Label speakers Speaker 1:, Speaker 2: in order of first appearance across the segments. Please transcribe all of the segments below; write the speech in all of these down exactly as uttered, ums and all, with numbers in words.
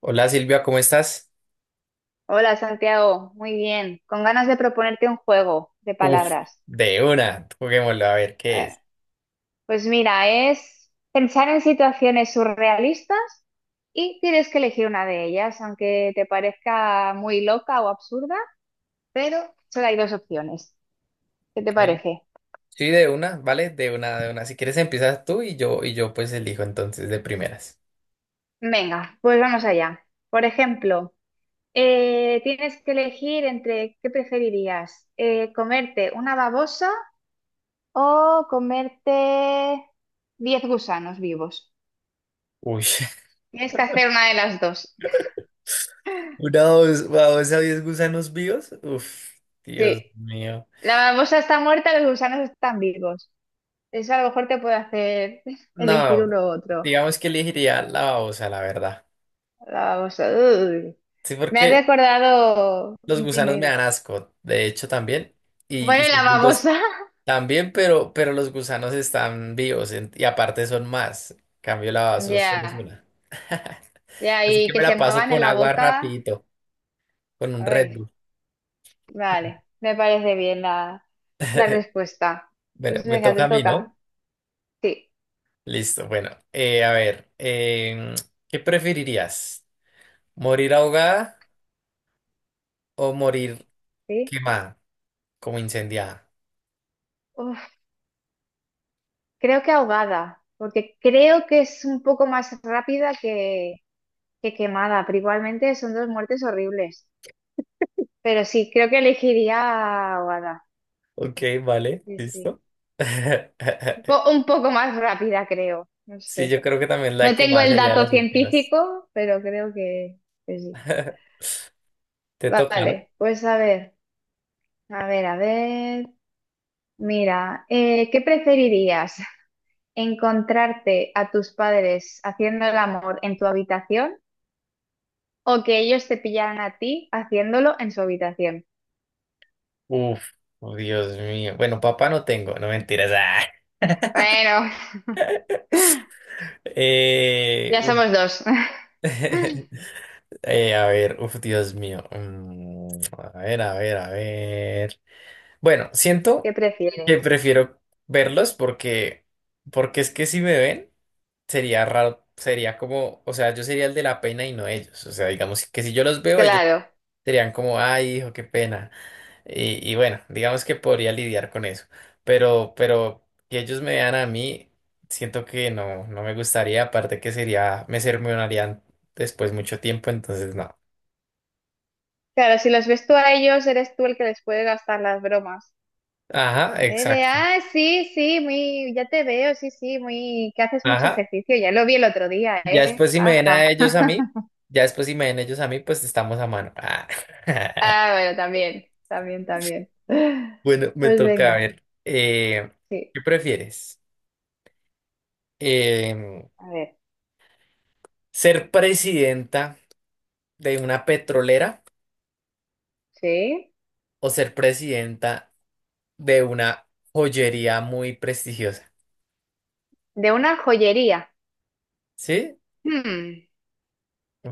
Speaker 1: Hola Silvia, ¿cómo estás?
Speaker 2: Hola Santiago, muy bien. Con ganas de proponerte un juego de
Speaker 1: Uf,
Speaker 2: palabras.
Speaker 1: de una, juguémoslo a ver qué
Speaker 2: Eh,
Speaker 1: es.
Speaker 2: pues mira, es pensar en situaciones surrealistas y tienes que elegir una de ellas, aunque te parezca muy loca o absurda, pero solo hay dos opciones. ¿Qué te
Speaker 1: Ok.
Speaker 2: parece?
Speaker 1: Sí, de una, ¿vale? De una, de una. Si quieres empiezas tú y yo, y yo pues elijo entonces de primeras.
Speaker 2: Venga, pues vamos allá. Por ejemplo, eh, tienes que elegir entre qué preferirías, Eh, comerte una babosa o comerte diez gusanos vivos.
Speaker 1: Uy,
Speaker 2: Tienes que hacer una de las dos.
Speaker 1: una dos, dos a diez gusanos vivos. Uf, Dios
Speaker 2: Sí.
Speaker 1: mío.
Speaker 2: La babosa está muerta, los gusanos están vivos. Eso a lo mejor te puede hacer elegir uno
Speaker 1: No,
Speaker 2: u otro.
Speaker 1: digamos que elegiría la babosa, la verdad.
Speaker 2: La babosa. Uy.
Speaker 1: Sí,
Speaker 2: Me has
Speaker 1: porque
Speaker 2: recordado.
Speaker 1: los
Speaker 2: Dime,
Speaker 1: gusanos me
Speaker 2: dime.
Speaker 1: dan asco, de hecho también. Y, y
Speaker 2: Bueno, la
Speaker 1: segundo,
Speaker 2: babosa.
Speaker 1: también, pero, pero los gusanos están vivos en- y aparte son más. En cambio, la basura solo es
Speaker 2: Ya,
Speaker 1: una.
Speaker 2: ya,
Speaker 1: Así que
Speaker 2: y
Speaker 1: me
Speaker 2: que
Speaker 1: la
Speaker 2: se
Speaker 1: paso
Speaker 2: muevan en
Speaker 1: con
Speaker 2: la
Speaker 1: agua
Speaker 2: boca.
Speaker 1: rapidito, con un Red
Speaker 2: Ay,
Speaker 1: Bull.
Speaker 2: vale, me parece bien la, la respuesta.
Speaker 1: Bueno,
Speaker 2: Pues
Speaker 1: me
Speaker 2: venga,
Speaker 1: toca
Speaker 2: te
Speaker 1: a mí, ¿no?
Speaker 2: toca. Sí,
Speaker 1: Listo, bueno, eh, a ver, em, ¿qué preferirías? ¿Morir ahogada o morir
Speaker 2: sí.
Speaker 1: quemada, como incendiada?
Speaker 2: Uf, creo que ahogada, porque creo que es un poco más rápida que, Qué quemada, pero igualmente son dos muertes horribles. Pero sí, creo que elegiría a Wada.
Speaker 1: Ok, vale,
Speaker 2: Sí, sí.
Speaker 1: listo.
Speaker 2: Un po- un poco más rápida, creo. No
Speaker 1: Sí, yo
Speaker 2: sé.
Speaker 1: creo que también la
Speaker 2: No tengo
Speaker 1: quemada
Speaker 2: el
Speaker 1: sería de
Speaker 2: dato
Speaker 1: las últimas.
Speaker 2: científico, pero creo que, que sí.
Speaker 1: Te toca, ¿no?
Speaker 2: Vale, pues a ver, a ver, a ver. Mira, eh, ¿qué preferirías? ¿Encontrarte a tus padres haciendo el amor en tu habitación o que ellos te pillaran a ti haciéndolo en su habitación?
Speaker 1: Uf, oh, Dios mío. Bueno, papá no tengo, no mentiras. Ah.
Speaker 2: Bueno,
Speaker 1: Eh,
Speaker 2: ya
Speaker 1: uf.
Speaker 2: somos dos.
Speaker 1: Eh, a ver, uf, Dios mío. Mm, a ver, a ver, a ver. Bueno,
Speaker 2: ¿Qué
Speaker 1: siento que
Speaker 2: prefieres?
Speaker 1: prefiero verlos porque, porque es que si me ven, sería raro, sería como, o sea, yo sería el de la pena y no ellos. O sea, digamos que si yo los veo, ellos
Speaker 2: Claro,
Speaker 1: serían como, ay, hijo, qué pena. Y, y bueno, digamos que podría lidiar con eso. Pero, pero que ellos me vean a mí, siento que no, no me gustaría. Aparte que sería, me sermonearían después mucho tiempo, entonces no.
Speaker 2: claro, si los ves tú a ellos, eres tú el que les puede gastar las bromas.
Speaker 1: Ajá,
Speaker 2: Eh, de,
Speaker 1: exacto.
Speaker 2: ah, sí, sí, muy, ya te veo, sí, sí, muy, que haces mucho
Speaker 1: Ajá.
Speaker 2: ejercicio, ya lo vi el otro día,
Speaker 1: Ya
Speaker 2: ¿eh?
Speaker 1: después si me ven a
Speaker 2: Ajá.
Speaker 1: ellos a mí, ya después si me ven ellos a mí, pues estamos a mano. Ah.
Speaker 2: Ah, bueno, también, también, también.
Speaker 1: Bueno, me
Speaker 2: Pues
Speaker 1: toca a
Speaker 2: venga,
Speaker 1: ver. eh,
Speaker 2: sí,
Speaker 1: ¿qué prefieres? Em,
Speaker 2: a ver,
Speaker 1: ¿ser presidenta de una petrolera?
Speaker 2: sí.
Speaker 1: O ser presidenta de una joyería muy prestigiosa.
Speaker 2: De una joyería.
Speaker 1: ¿Sí?
Speaker 2: Hmm,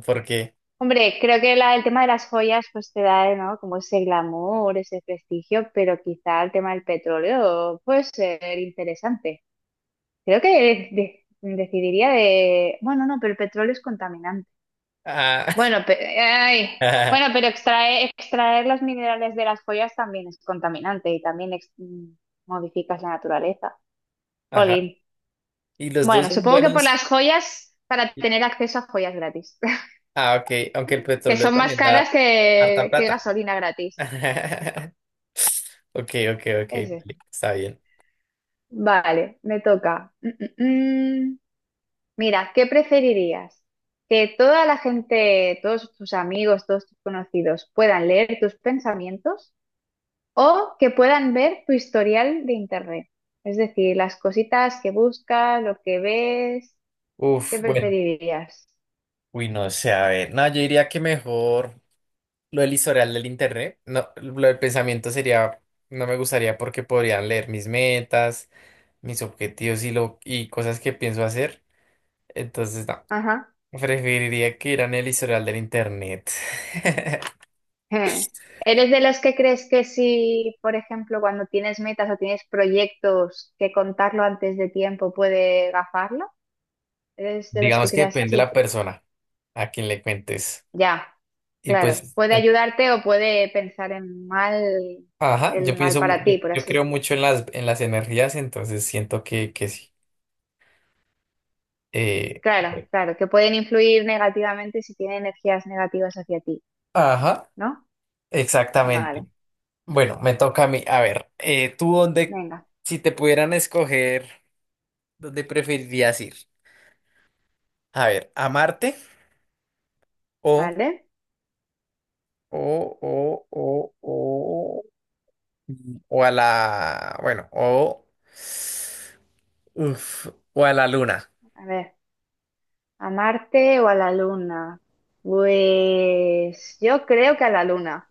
Speaker 1: Porque,
Speaker 2: hombre, creo que la- el tema de las joyas pues te da, eh, ¿no? Como ese glamour, ese prestigio, pero quizá el tema del petróleo puede ser interesante. Creo que de- de- decidiría de... Bueno, no, pero el petróleo es contaminante.
Speaker 1: ah,
Speaker 2: Bueno, pe- ay. Bueno, pero extraer, extraer los minerales de las joyas también es contaminante y también ex- mm, modificas la naturaleza.
Speaker 1: ajá.
Speaker 2: Jolín.
Speaker 1: Y los dos
Speaker 2: Bueno,
Speaker 1: son
Speaker 2: supongo que por
Speaker 1: buenos.
Speaker 2: las joyas, para tener acceso a joyas gratis,
Speaker 1: Ah, ok. Aunque el
Speaker 2: que
Speaker 1: petróleo
Speaker 2: son más
Speaker 1: también
Speaker 2: caras
Speaker 1: da harta
Speaker 2: que, que
Speaker 1: plata.
Speaker 2: gasolina gratis.
Speaker 1: Ok, ok, ok.
Speaker 2: Ese.
Speaker 1: Vale, está bien.
Speaker 2: Vale, me toca. Mm, mm, mm. Mira, ¿qué preferirías? ¿Que toda la gente, todos tus amigos, todos tus conocidos puedan leer tus pensamientos o que puedan ver tu historial de internet? Es decir, las cositas que buscas, lo que ves, ¿qué
Speaker 1: Uf, bueno.
Speaker 2: preferirías?
Speaker 1: Uy, no sé, a ver. No, yo diría que mejor lo del historial del internet. No, lo del pensamiento sería, no me gustaría porque podrían leer mis metas, mis objetivos y lo, y cosas que pienso hacer. Entonces, no,
Speaker 2: Ajá.
Speaker 1: preferiría que en el historial del internet.
Speaker 2: ¿Eres de los que crees que si, por ejemplo, cuando tienes metas o tienes proyectos, que contarlo antes de tiempo puede gafarlo? ¿Eres de los que
Speaker 1: Digamos que
Speaker 2: creas
Speaker 1: depende de la
Speaker 2: así?
Speaker 1: persona a quien le cuentes.
Speaker 2: Ya,
Speaker 1: Y
Speaker 2: claro.
Speaker 1: pues,
Speaker 2: Puede
Speaker 1: en-
Speaker 2: ayudarte o puede pensar en mal,
Speaker 1: ajá,
Speaker 2: el
Speaker 1: yo
Speaker 2: mal
Speaker 1: pienso, mu-
Speaker 2: para
Speaker 1: yo,
Speaker 2: ti, por
Speaker 1: yo creo
Speaker 2: así.
Speaker 1: mucho en las, en las energías, entonces siento que, que sí. Eh,
Speaker 2: Claro, claro, que pueden influir negativamente si tienen energías negativas hacia ti,
Speaker 1: ajá,
Speaker 2: ¿no?
Speaker 1: exactamente.
Speaker 2: Vale,
Speaker 1: Bueno, me toca a mí. A ver, eh, tú dónde,
Speaker 2: venga,
Speaker 1: si te pudieran escoger, ¿dónde preferirías ir? A ver, ¿a Marte o,
Speaker 2: vale.
Speaker 1: o, o, o, o O a la, bueno, o, uf, o a la luna?
Speaker 2: A ver, ¿a Marte o a la Luna? Pues yo creo que a la Luna,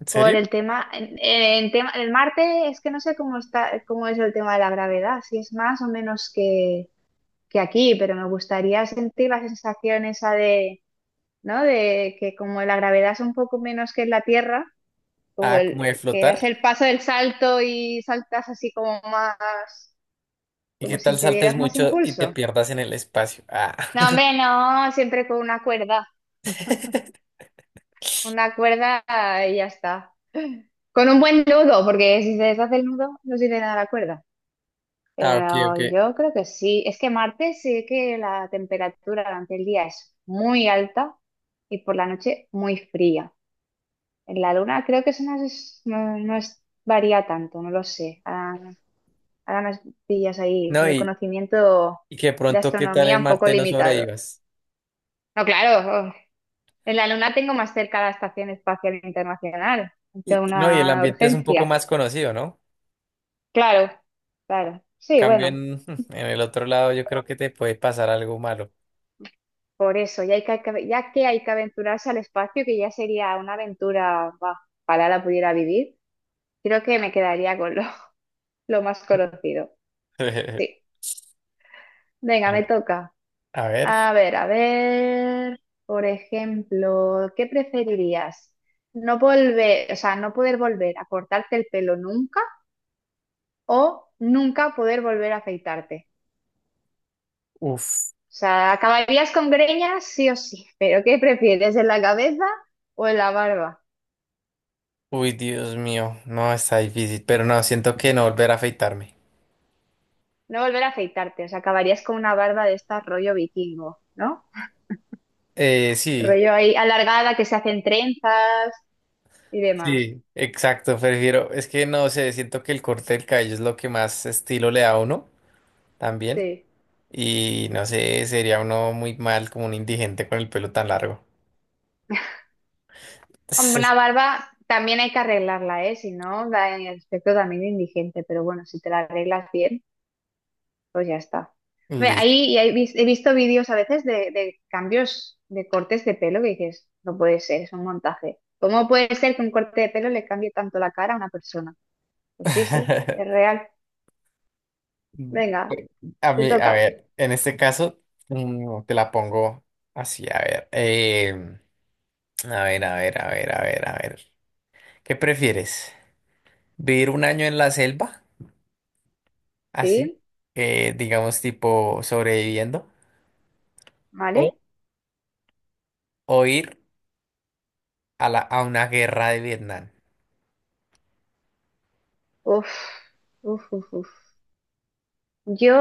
Speaker 1: ¿En
Speaker 2: por
Speaker 1: serio?
Speaker 2: el tema, en, en tema, el Marte es que no sé cómo está, cómo es el tema de la gravedad, si es más o menos que, que aquí, pero me gustaría sentir la sensación esa de ¿no? De que como la gravedad es un poco menos que en la Tierra, como
Speaker 1: Ah, como de
Speaker 2: el, que das
Speaker 1: flotar.
Speaker 2: el paso del salto y saltas así como más,
Speaker 1: ¿Y qué
Speaker 2: como
Speaker 1: tal
Speaker 2: si te
Speaker 1: saltes
Speaker 2: dieras más
Speaker 1: mucho y te
Speaker 2: impulso.
Speaker 1: pierdas en el espacio? Ah.
Speaker 2: No, hombre, no, siempre con una cuerda, con una cuerda y ya está. Con un buen nudo, porque si se deshace el nudo, no sirve de nada la cuerda.
Speaker 1: Ah, ok, ok.
Speaker 2: Pero yo creo que sí. Es que Marte sí que la temperatura durante el día es muy alta y por la noche muy fría. En la luna creo que eso no es, no, no es- varía tanto, no lo sé. Ahora, ahora me pillas ahí con
Speaker 1: No,
Speaker 2: el
Speaker 1: y,
Speaker 2: conocimiento
Speaker 1: y que
Speaker 2: de
Speaker 1: pronto, ¿qué tal
Speaker 2: astronomía
Speaker 1: en
Speaker 2: un poco
Speaker 1: Marte no
Speaker 2: limitado.
Speaker 1: sobrevivas?
Speaker 2: No, claro, oh, en la luna tengo más cerca la Estación Espacial Internacional, ante
Speaker 1: Y, y no, y el
Speaker 2: una
Speaker 1: ambiente es un poco
Speaker 2: urgencia.
Speaker 1: más conocido, ¿no?
Speaker 2: Claro, claro. Sí,
Speaker 1: Cambio
Speaker 2: bueno,
Speaker 1: en, en el otro lado, yo creo que te puede pasar algo malo.
Speaker 2: por eso, ya, hay que, ya que hay que aventurarse al espacio, que ya sería una aventura, bah, ojalá la pudiera vivir, creo que me quedaría con lo, lo más conocido. Sí, venga, me toca.
Speaker 1: A ver,
Speaker 2: A ver, a ver, por ejemplo, ¿qué preferirías? No volver, o sea, no poder volver a cortarte el pelo nunca o nunca poder volver a afeitarte.
Speaker 1: uff.
Speaker 2: O sea, acabarías con greñas sí o sí, pero ¿qué prefieres, en la cabeza o en la barba?
Speaker 1: Uy, Dios mío, no, está difícil, pero no, siento que no volver a afeitarme.
Speaker 2: No volver a afeitarte, o sea, acabarías con una barba de esta rollo vikingo, ¿no?
Speaker 1: Eh, sí,
Speaker 2: Rollo ahí alargada que se hacen trenzas y demás.
Speaker 1: sí, exacto, prefiero, es que no sé, siento que el corte del cabello es lo que más estilo le da a uno también,
Speaker 2: Sí.
Speaker 1: y no sé, sería uno muy mal como un indigente con el pelo tan largo.
Speaker 2: Hombre, una barba también hay que arreglarla, ¿eh? Si no, da en el aspecto también de indigente, pero bueno, si te la arreglas bien, pues ya está. Ve,
Speaker 1: Listo.
Speaker 2: ahí y ahí vis- he visto vídeos a veces de, de cambios de cortes de pelo que dices, no puede ser, es un montaje. ¿Cómo puede ser que un corte de pelo le cambie tanto la cara a una persona? Pues sí, sí, es real. Venga,
Speaker 1: A
Speaker 2: te
Speaker 1: mí, a
Speaker 2: toca.
Speaker 1: ver, en este caso, mm, te la pongo así, a ver, em, a ver, a ver, a ver, a ver, a ver, ¿qué prefieres? Vivir un año en la selva, así,
Speaker 2: ¿Sí?
Speaker 1: eh, digamos tipo sobreviviendo, o,
Speaker 2: ¿Vale?
Speaker 1: o ir a, la, a una guerra de Vietnam.
Speaker 2: Uf, uf, uf, uf. Yo,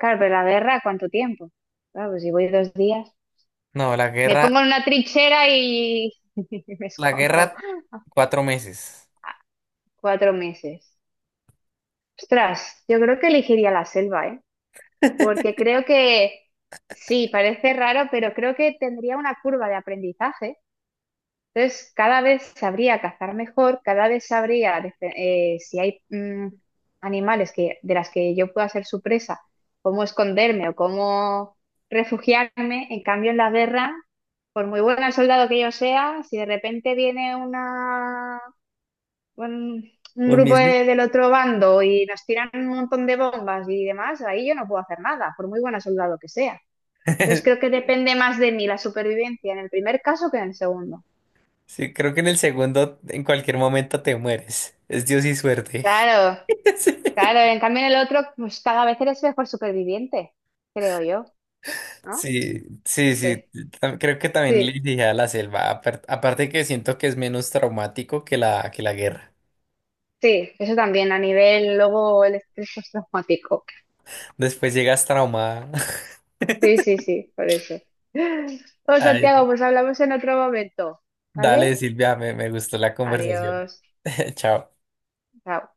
Speaker 2: claro, pero la guerra, ¿cuánto tiempo? Claro, pues si voy dos días.
Speaker 1: No, la
Speaker 2: Me
Speaker 1: guerra,
Speaker 2: pongo en una trinchera y y me
Speaker 1: la
Speaker 2: escondo.
Speaker 1: guerra, cuatro meses.
Speaker 2: Ah, cuatro meses. Ostras, yo creo que elegiría la selva, ¿eh? Porque creo que, sí, parece raro, pero creo que tendría una curva de aprendizaje. Entonces, cada vez sabría cazar mejor, cada vez sabría defe- eh, si hay mm, animales que, de las que yo pueda ser su presa, cómo esconderme o cómo refugiarme. En cambio, en la guerra, por muy buen soldado que yo sea, si de repente viene una, un, un
Speaker 1: Un
Speaker 2: grupo
Speaker 1: misil.
Speaker 2: de- del otro bando y nos tiran un montón de bombas y demás, ahí yo no puedo hacer nada, por muy buen soldado que sea. Entonces, creo que depende más de mí la supervivencia en el primer caso que en el segundo.
Speaker 1: Sí, creo que en el segundo, en cualquier momento te mueres. Es Dios y suerte.
Speaker 2: Claro. Claro, en cambio en el otro, pues cada vez eres mejor superviviente, creo yo, ¿no?
Speaker 1: Sí, sí,
Speaker 2: Sí,
Speaker 1: sí, sí, tam- creo que también le
Speaker 2: sí,
Speaker 1: dije a la selva. apar- Aparte que siento que es menos traumático que la, que la guerra.
Speaker 2: sí, eso también a nivel luego el estrés postraumático.
Speaker 1: Después llegas traumada.
Speaker 2: Sí, sí, sí, por eso. Pues Santiago, pues hablamos en otro momento,
Speaker 1: Dale,
Speaker 2: ¿vale?
Speaker 1: Silvia, me, me gustó la conversación.
Speaker 2: Adiós.
Speaker 1: Chao.
Speaker 2: Chao.